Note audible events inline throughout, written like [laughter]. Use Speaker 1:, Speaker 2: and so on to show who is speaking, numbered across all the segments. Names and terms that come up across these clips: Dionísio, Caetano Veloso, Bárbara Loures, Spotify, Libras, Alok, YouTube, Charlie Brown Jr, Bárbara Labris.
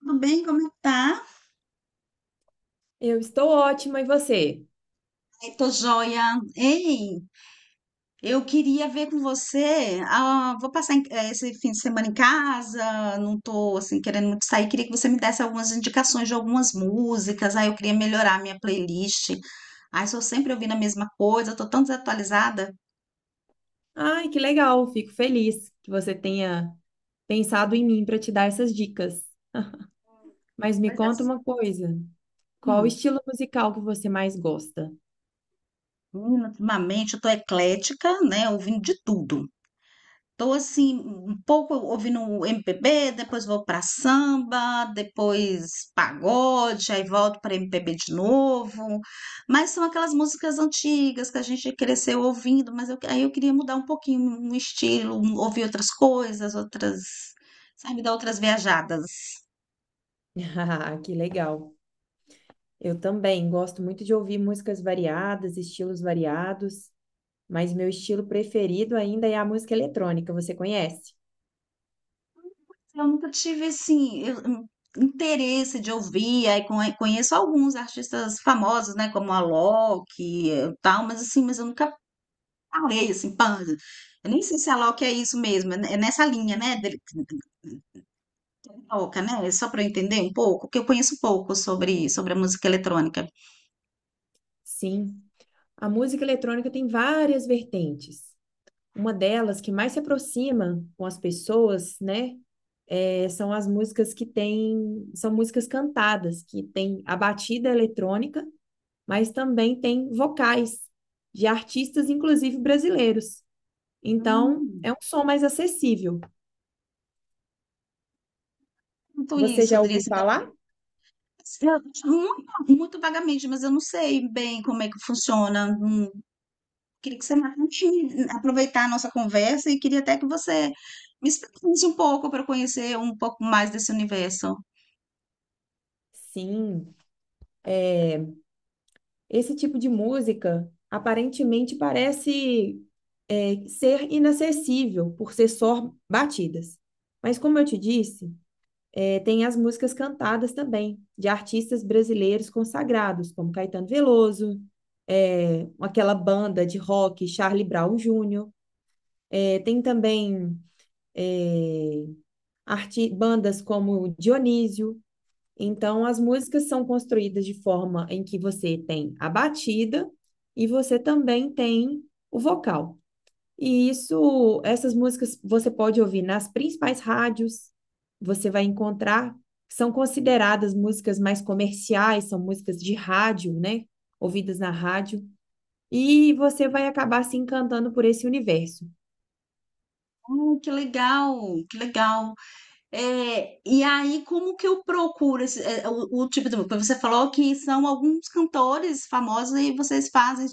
Speaker 1: Tudo bem? Como é que tá?
Speaker 2: Eu estou ótima, e você?
Speaker 1: Ai, tô joia. Ei, eu queria ver com você. Ah, vou passar esse fim de semana em casa, não tô assim querendo muito sair. Queria que você me desse algumas indicações de algumas músicas. Aí eu queria melhorar a minha playlist. Ai, sou sempre ouvindo a mesma coisa, tô tão desatualizada.
Speaker 2: Ai, que legal, fico feliz que você tenha pensado em mim para te dar essas dicas. Mas me
Speaker 1: Pois é.
Speaker 2: conta uma coisa, qual o
Speaker 1: Hum,
Speaker 2: estilo musical que você mais gosta?
Speaker 1: Menina, ultimamente eu tô eclética, né? Ouvindo de tudo. Tô assim, um pouco ouvindo um MPB, depois vou pra samba, depois pagode, aí volto pra MPB de novo. Mas são aquelas músicas antigas que a gente cresceu ouvindo, mas eu queria mudar um pouquinho um estilo, ouvir outras coisas, outras, sabe, dar outras viajadas.
Speaker 2: [laughs] Ah, que legal. Eu também gosto muito de ouvir músicas variadas, estilos variados, mas meu estilo preferido ainda é a música eletrônica, você conhece?
Speaker 1: Eu nunca tive assim, um interesse de ouvir, aí conheço alguns artistas famosos, né, como a Alok e tal, mas assim, mas eu nunca falei assim, panda. Eu nem sei se a Loki é isso mesmo, é nessa linha, né? Toca, né? Só para eu entender um pouco, porque eu conheço pouco sobre a música eletrônica.
Speaker 2: Sim, a música eletrônica tem várias vertentes. Uma delas que mais se aproxima com as pessoas, né? São as músicas que são músicas cantadas, que tem a batida eletrônica, mas também tem vocais de artistas, inclusive brasileiros. Então, é
Speaker 1: Hum,
Speaker 2: um som mais acessível.
Speaker 1: Muito
Speaker 2: Você
Speaker 1: isso,
Speaker 2: já
Speaker 1: Adri,
Speaker 2: ouviu
Speaker 1: assim,
Speaker 2: falar?
Speaker 1: eu- muito, muito vagamente, mas eu não sei bem como é que funciona. Queria que você me- Aproveitar a nossa conversa e queria até que você me explicasse um pouco para eu conhecer um pouco mais desse universo.
Speaker 2: Sim. Esse tipo de música aparentemente parece ser inacessível por ser só batidas. Mas, como eu te disse, É, tem as músicas cantadas também, de artistas brasileiros consagrados, como Caetano Veloso, aquela banda de rock, Charlie Brown Jr. Tem também é, bandas como Dionísio. Então, as músicas são construídas de forma em que você tem a batida e você também tem o vocal. E isso, essas músicas você pode ouvir nas principais rádios, você vai encontrar, são consideradas músicas mais comerciais, são músicas de rádio, né? Ouvidas na rádio, e você vai acabar se encantando por esse universo.
Speaker 1: Oh, que legal, que legal. É, e aí, como que eu procuro o tipo de. Você falou que são alguns cantores famosos e vocês fazem.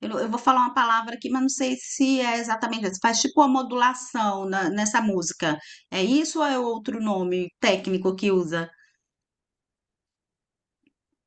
Speaker 1: Eu vou falar uma palavra aqui, mas não sei se é exatamente essa. Faz tipo uma modulação nessa música. É isso ou é outro nome técnico que usa?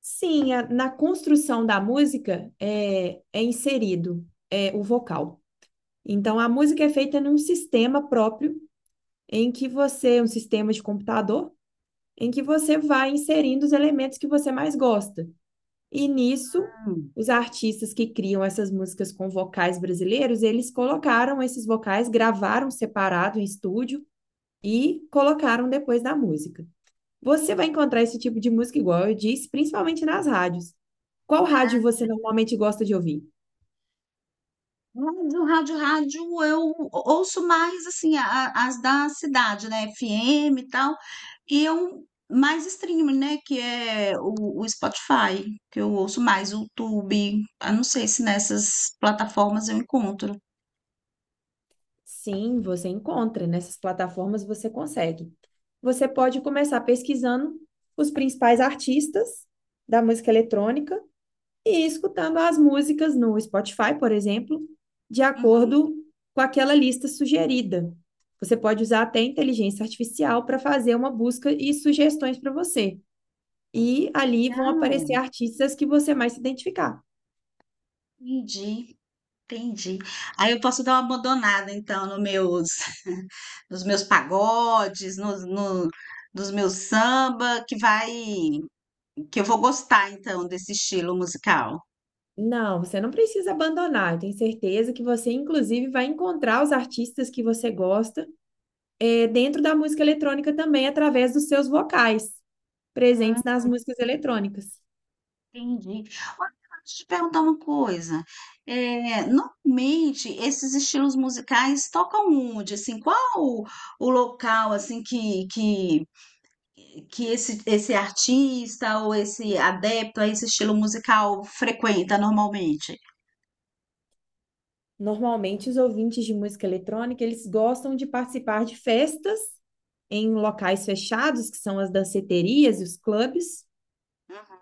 Speaker 2: Sim, na construção da música é inserido o vocal. Então, a música é feita num sistema próprio, em que você, um sistema de computador, em que você vai inserindo os elementos que você mais gosta. E nisso,
Speaker 1: Hum.
Speaker 2: os artistas que criam essas músicas com vocais brasileiros, eles colocaram esses vocais, gravaram separado em estúdio e colocaram depois da música. Você vai encontrar esse tipo de música, igual eu disse, principalmente nas rádios. Qual rádio você normalmente gosta de ouvir?
Speaker 1: Rádio, eu ouço mais assim as da cidade, né? FM e tal, e eu mais streaming, né? Que é o Spotify, que eu ouço mais, o YouTube. Eu não sei se nessas plataformas eu encontro.
Speaker 2: Sim, você encontra, nessas plataformas você consegue. Você pode começar pesquisando os principais artistas da música eletrônica e escutando as músicas no Spotify, por exemplo, de
Speaker 1: Uhum.
Speaker 2: acordo com aquela lista sugerida. Você pode usar até inteligência artificial para fazer uma busca e sugestões para você. E ali vão aparecer
Speaker 1: Não,
Speaker 2: artistas que você mais se identificar.
Speaker 1: entendi, entendi. Aí eu posso dar uma abandonada, então, nos meus, [laughs] nos meus pagodes, nos, no, nos meus samba, que eu vou gostar, então, desse estilo musical.
Speaker 2: Não, você não precisa abandonar. Eu tenho certeza que você, inclusive, vai encontrar os artistas que você gosta dentro da música eletrônica também, através dos seus vocais presentes nas músicas eletrônicas.
Speaker 1: Entendi. Olha, deixa eu te perguntar uma coisa. Eh, normalmente esses estilos musicais tocam onde? Assim, o local assim que esse artista ou esse adepto a esse estilo musical frequenta normalmente?
Speaker 2: Normalmente, os ouvintes de música eletrônica, eles gostam de participar de festas em locais fechados, que são as danceterias e os clubes,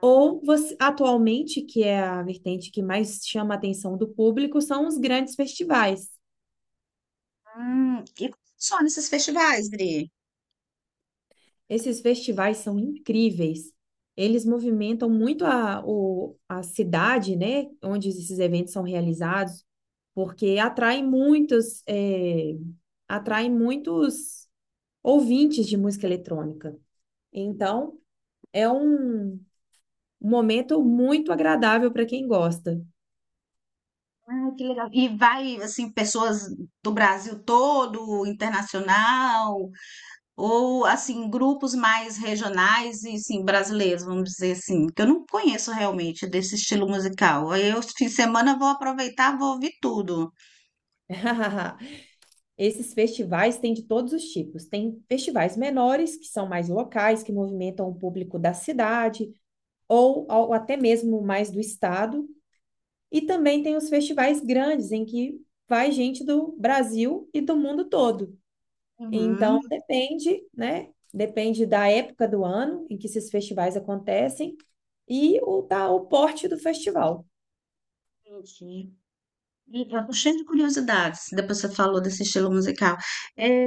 Speaker 2: ou atualmente, que é a vertente que mais chama a atenção do público, são os grandes festivais.
Speaker 1: E só nesses festivais, Dri?
Speaker 2: Esses festivais são incríveis. Eles movimentam muito a cidade, né, onde esses eventos são realizados, porque atraem muitos, atraem muitos ouvintes de música eletrônica. Então, é um momento muito agradável para quem gosta.
Speaker 1: Ah, que legal. E vai assim pessoas do Brasil todo, internacional? Ou, assim, grupos mais regionais e, assim, brasileiros, vamos dizer assim, que eu não conheço realmente desse estilo musical. Aí eu, fim de semana, vou aproveitar, vou ouvir tudo.
Speaker 2: [laughs] Esses festivais têm de todos os tipos. Tem festivais menores, que são mais locais, que movimentam o público da cidade ou até mesmo mais do estado. E também tem os festivais grandes, em que vai gente do Brasil e do mundo todo. Então,
Speaker 1: Uhum.
Speaker 2: depende, né? Depende da época do ano em que esses festivais acontecem e o porte do festival.
Speaker 1: Entendi. E eu tô cheia de curiosidades, depois você falou desse estilo musical. É,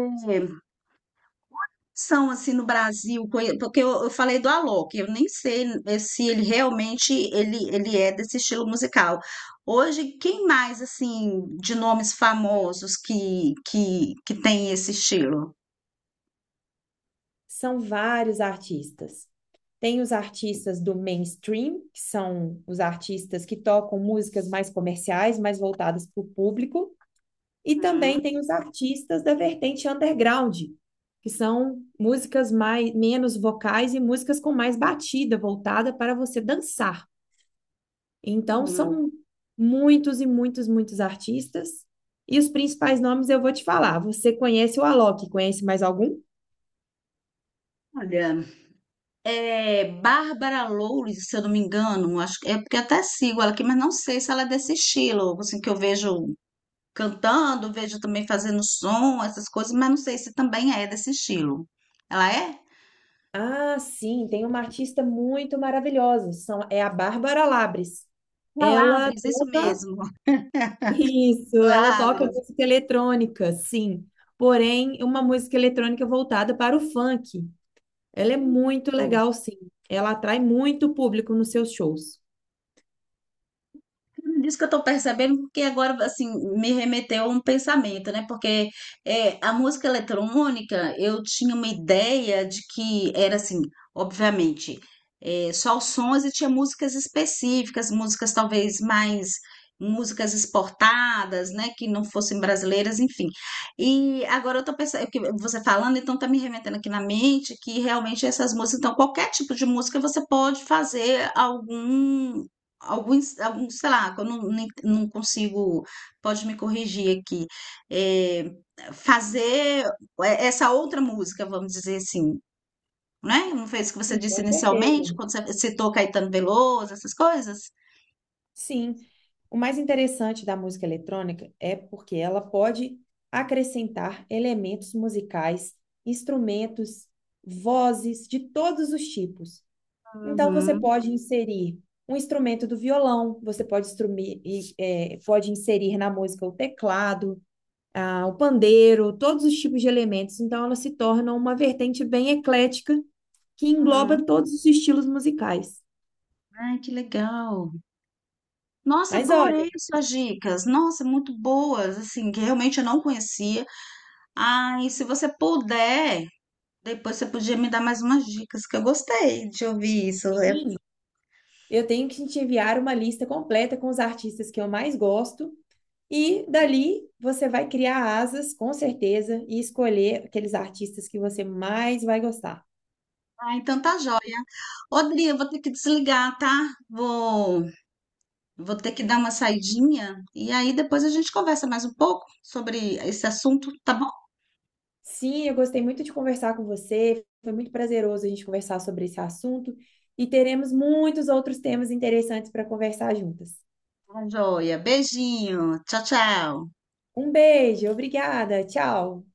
Speaker 1: são assim no Brasil, porque eu falei do Alok, eu nem sei se ele realmente ele é desse estilo musical. Hoje, quem mais assim de nomes famosos que tem esse estilo?
Speaker 2: São vários artistas. Tem os artistas do mainstream, que são os artistas que tocam músicas mais comerciais, mais voltadas para o público, e
Speaker 1: Hum,
Speaker 2: também tem os artistas da vertente underground, que são músicas mais menos vocais e músicas com mais batida, voltada para você dançar. Então
Speaker 1: uhum.
Speaker 2: são muitos e muitos artistas. E os principais nomes eu vou te falar. Você conhece o Alok? Conhece mais algum?
Speaker 1: Olha, é Bárbara Loures, se eu não me engano, acho que é porque eu até sigo ela aqui, mas não sei se ela é desse estilo, assim que eu vejo cantando, vejo também fazendo som, essas coisas, mas não sei se também é desse estilo. Ela é?
Speaker 2: Ah, sim, tem uma artista muito maravilhosa, é a Bárbara Labris. Ela
Speaker 1: Palavras, isso
Speaker 2: toca
Speaker 1: mesmo.
Speaker 2: [laughs]
Speaker 1: [laughs]
Speaker 2: isso, ela toca
Speaker 1: Palavras.
Speaker 2: música eletrônica, sim. Porém, uma música eletrônica voltada para o funk. Ela é muito legal, sim. Ela atrai muito público nos seus shows.
Speaker 1: Disso que eu tô percebendo, porque agora, assim, me remeteu a um pensamento, né? Porque é, a música eletrônica, eu tinha uma ideia de que era, assim, obviamente, é, só os sons e tinha músicas específicas, músicas talvez mais, músicas exportadas, né? Que não fossem brasileiras, enfim. E agora eu tô pensando, que você falando, então tá me remetendo aqui na mente que realmente essas músicas, então qualquer tipo de música você pode fazer algum. Alguns, sei lá, que eu não consigo, pode me corrigir aqui, eh, fazer eh, essa outra música, vamos dizer assim, né? Não foi isso que você
Speaker 2: Sim,
Speaker 1: disse
Speaker 2: com certeza.
Speaker 1: inicialmente, quando você citou Caetano Veloso, essas coisas?
Speaker 2: Sim, o mais interessante da música eletrônica é porque ela pode acrescentar elementos musicais, instrumentos, vozes de todos os tipos. Então, você
Speaker 1: Uhum,
Speaker 2: pode inserir um instrumento do violão, você pode, pode inserir na música o teclado, ah, o pandeiro, todos os tipos de elementos. Então, ela se torna uma vertente bem eclética que engloba
Speaker 1: uhum.
Speaker 2: todos os estilos musicais.
Speaker 1: Ai, que legal. Nossa,
Speaker 2: Mas olha,
Speaker 1: adorei suas dicas. Nossa, muito boas, assim, que realmente eu não conhecia. Ai, se você puder, depois você podia me dar mais umas dicas, que eu gostei de ouvir isso. É-
Speaker 2: eu tenho que te enviar uma lista completa com os artistas que eu mais gosto, e dali você vai criar asas, com certeza, e escolher aqueles artistas que você mais vai gostar.
Speaker 1: Ah, então tá joia. Odri, eu vou ter que desligar, tá? Vou, vou ter que dar uma saidinha e aí depois a gente conversa mais um pouco sobre esse assunto, tá bom?
Speaker 2: Sim, eu gostei muito de conversar com você. Foi muito prazeroso a gente conversar sobre esse assunto e teremos muitos outros temas interessantes para conversar juntas.
Speaker 1: Tá joia, beijinho, tchau, tchau.
Speaker 2: Um beijo, obrigada, tchau.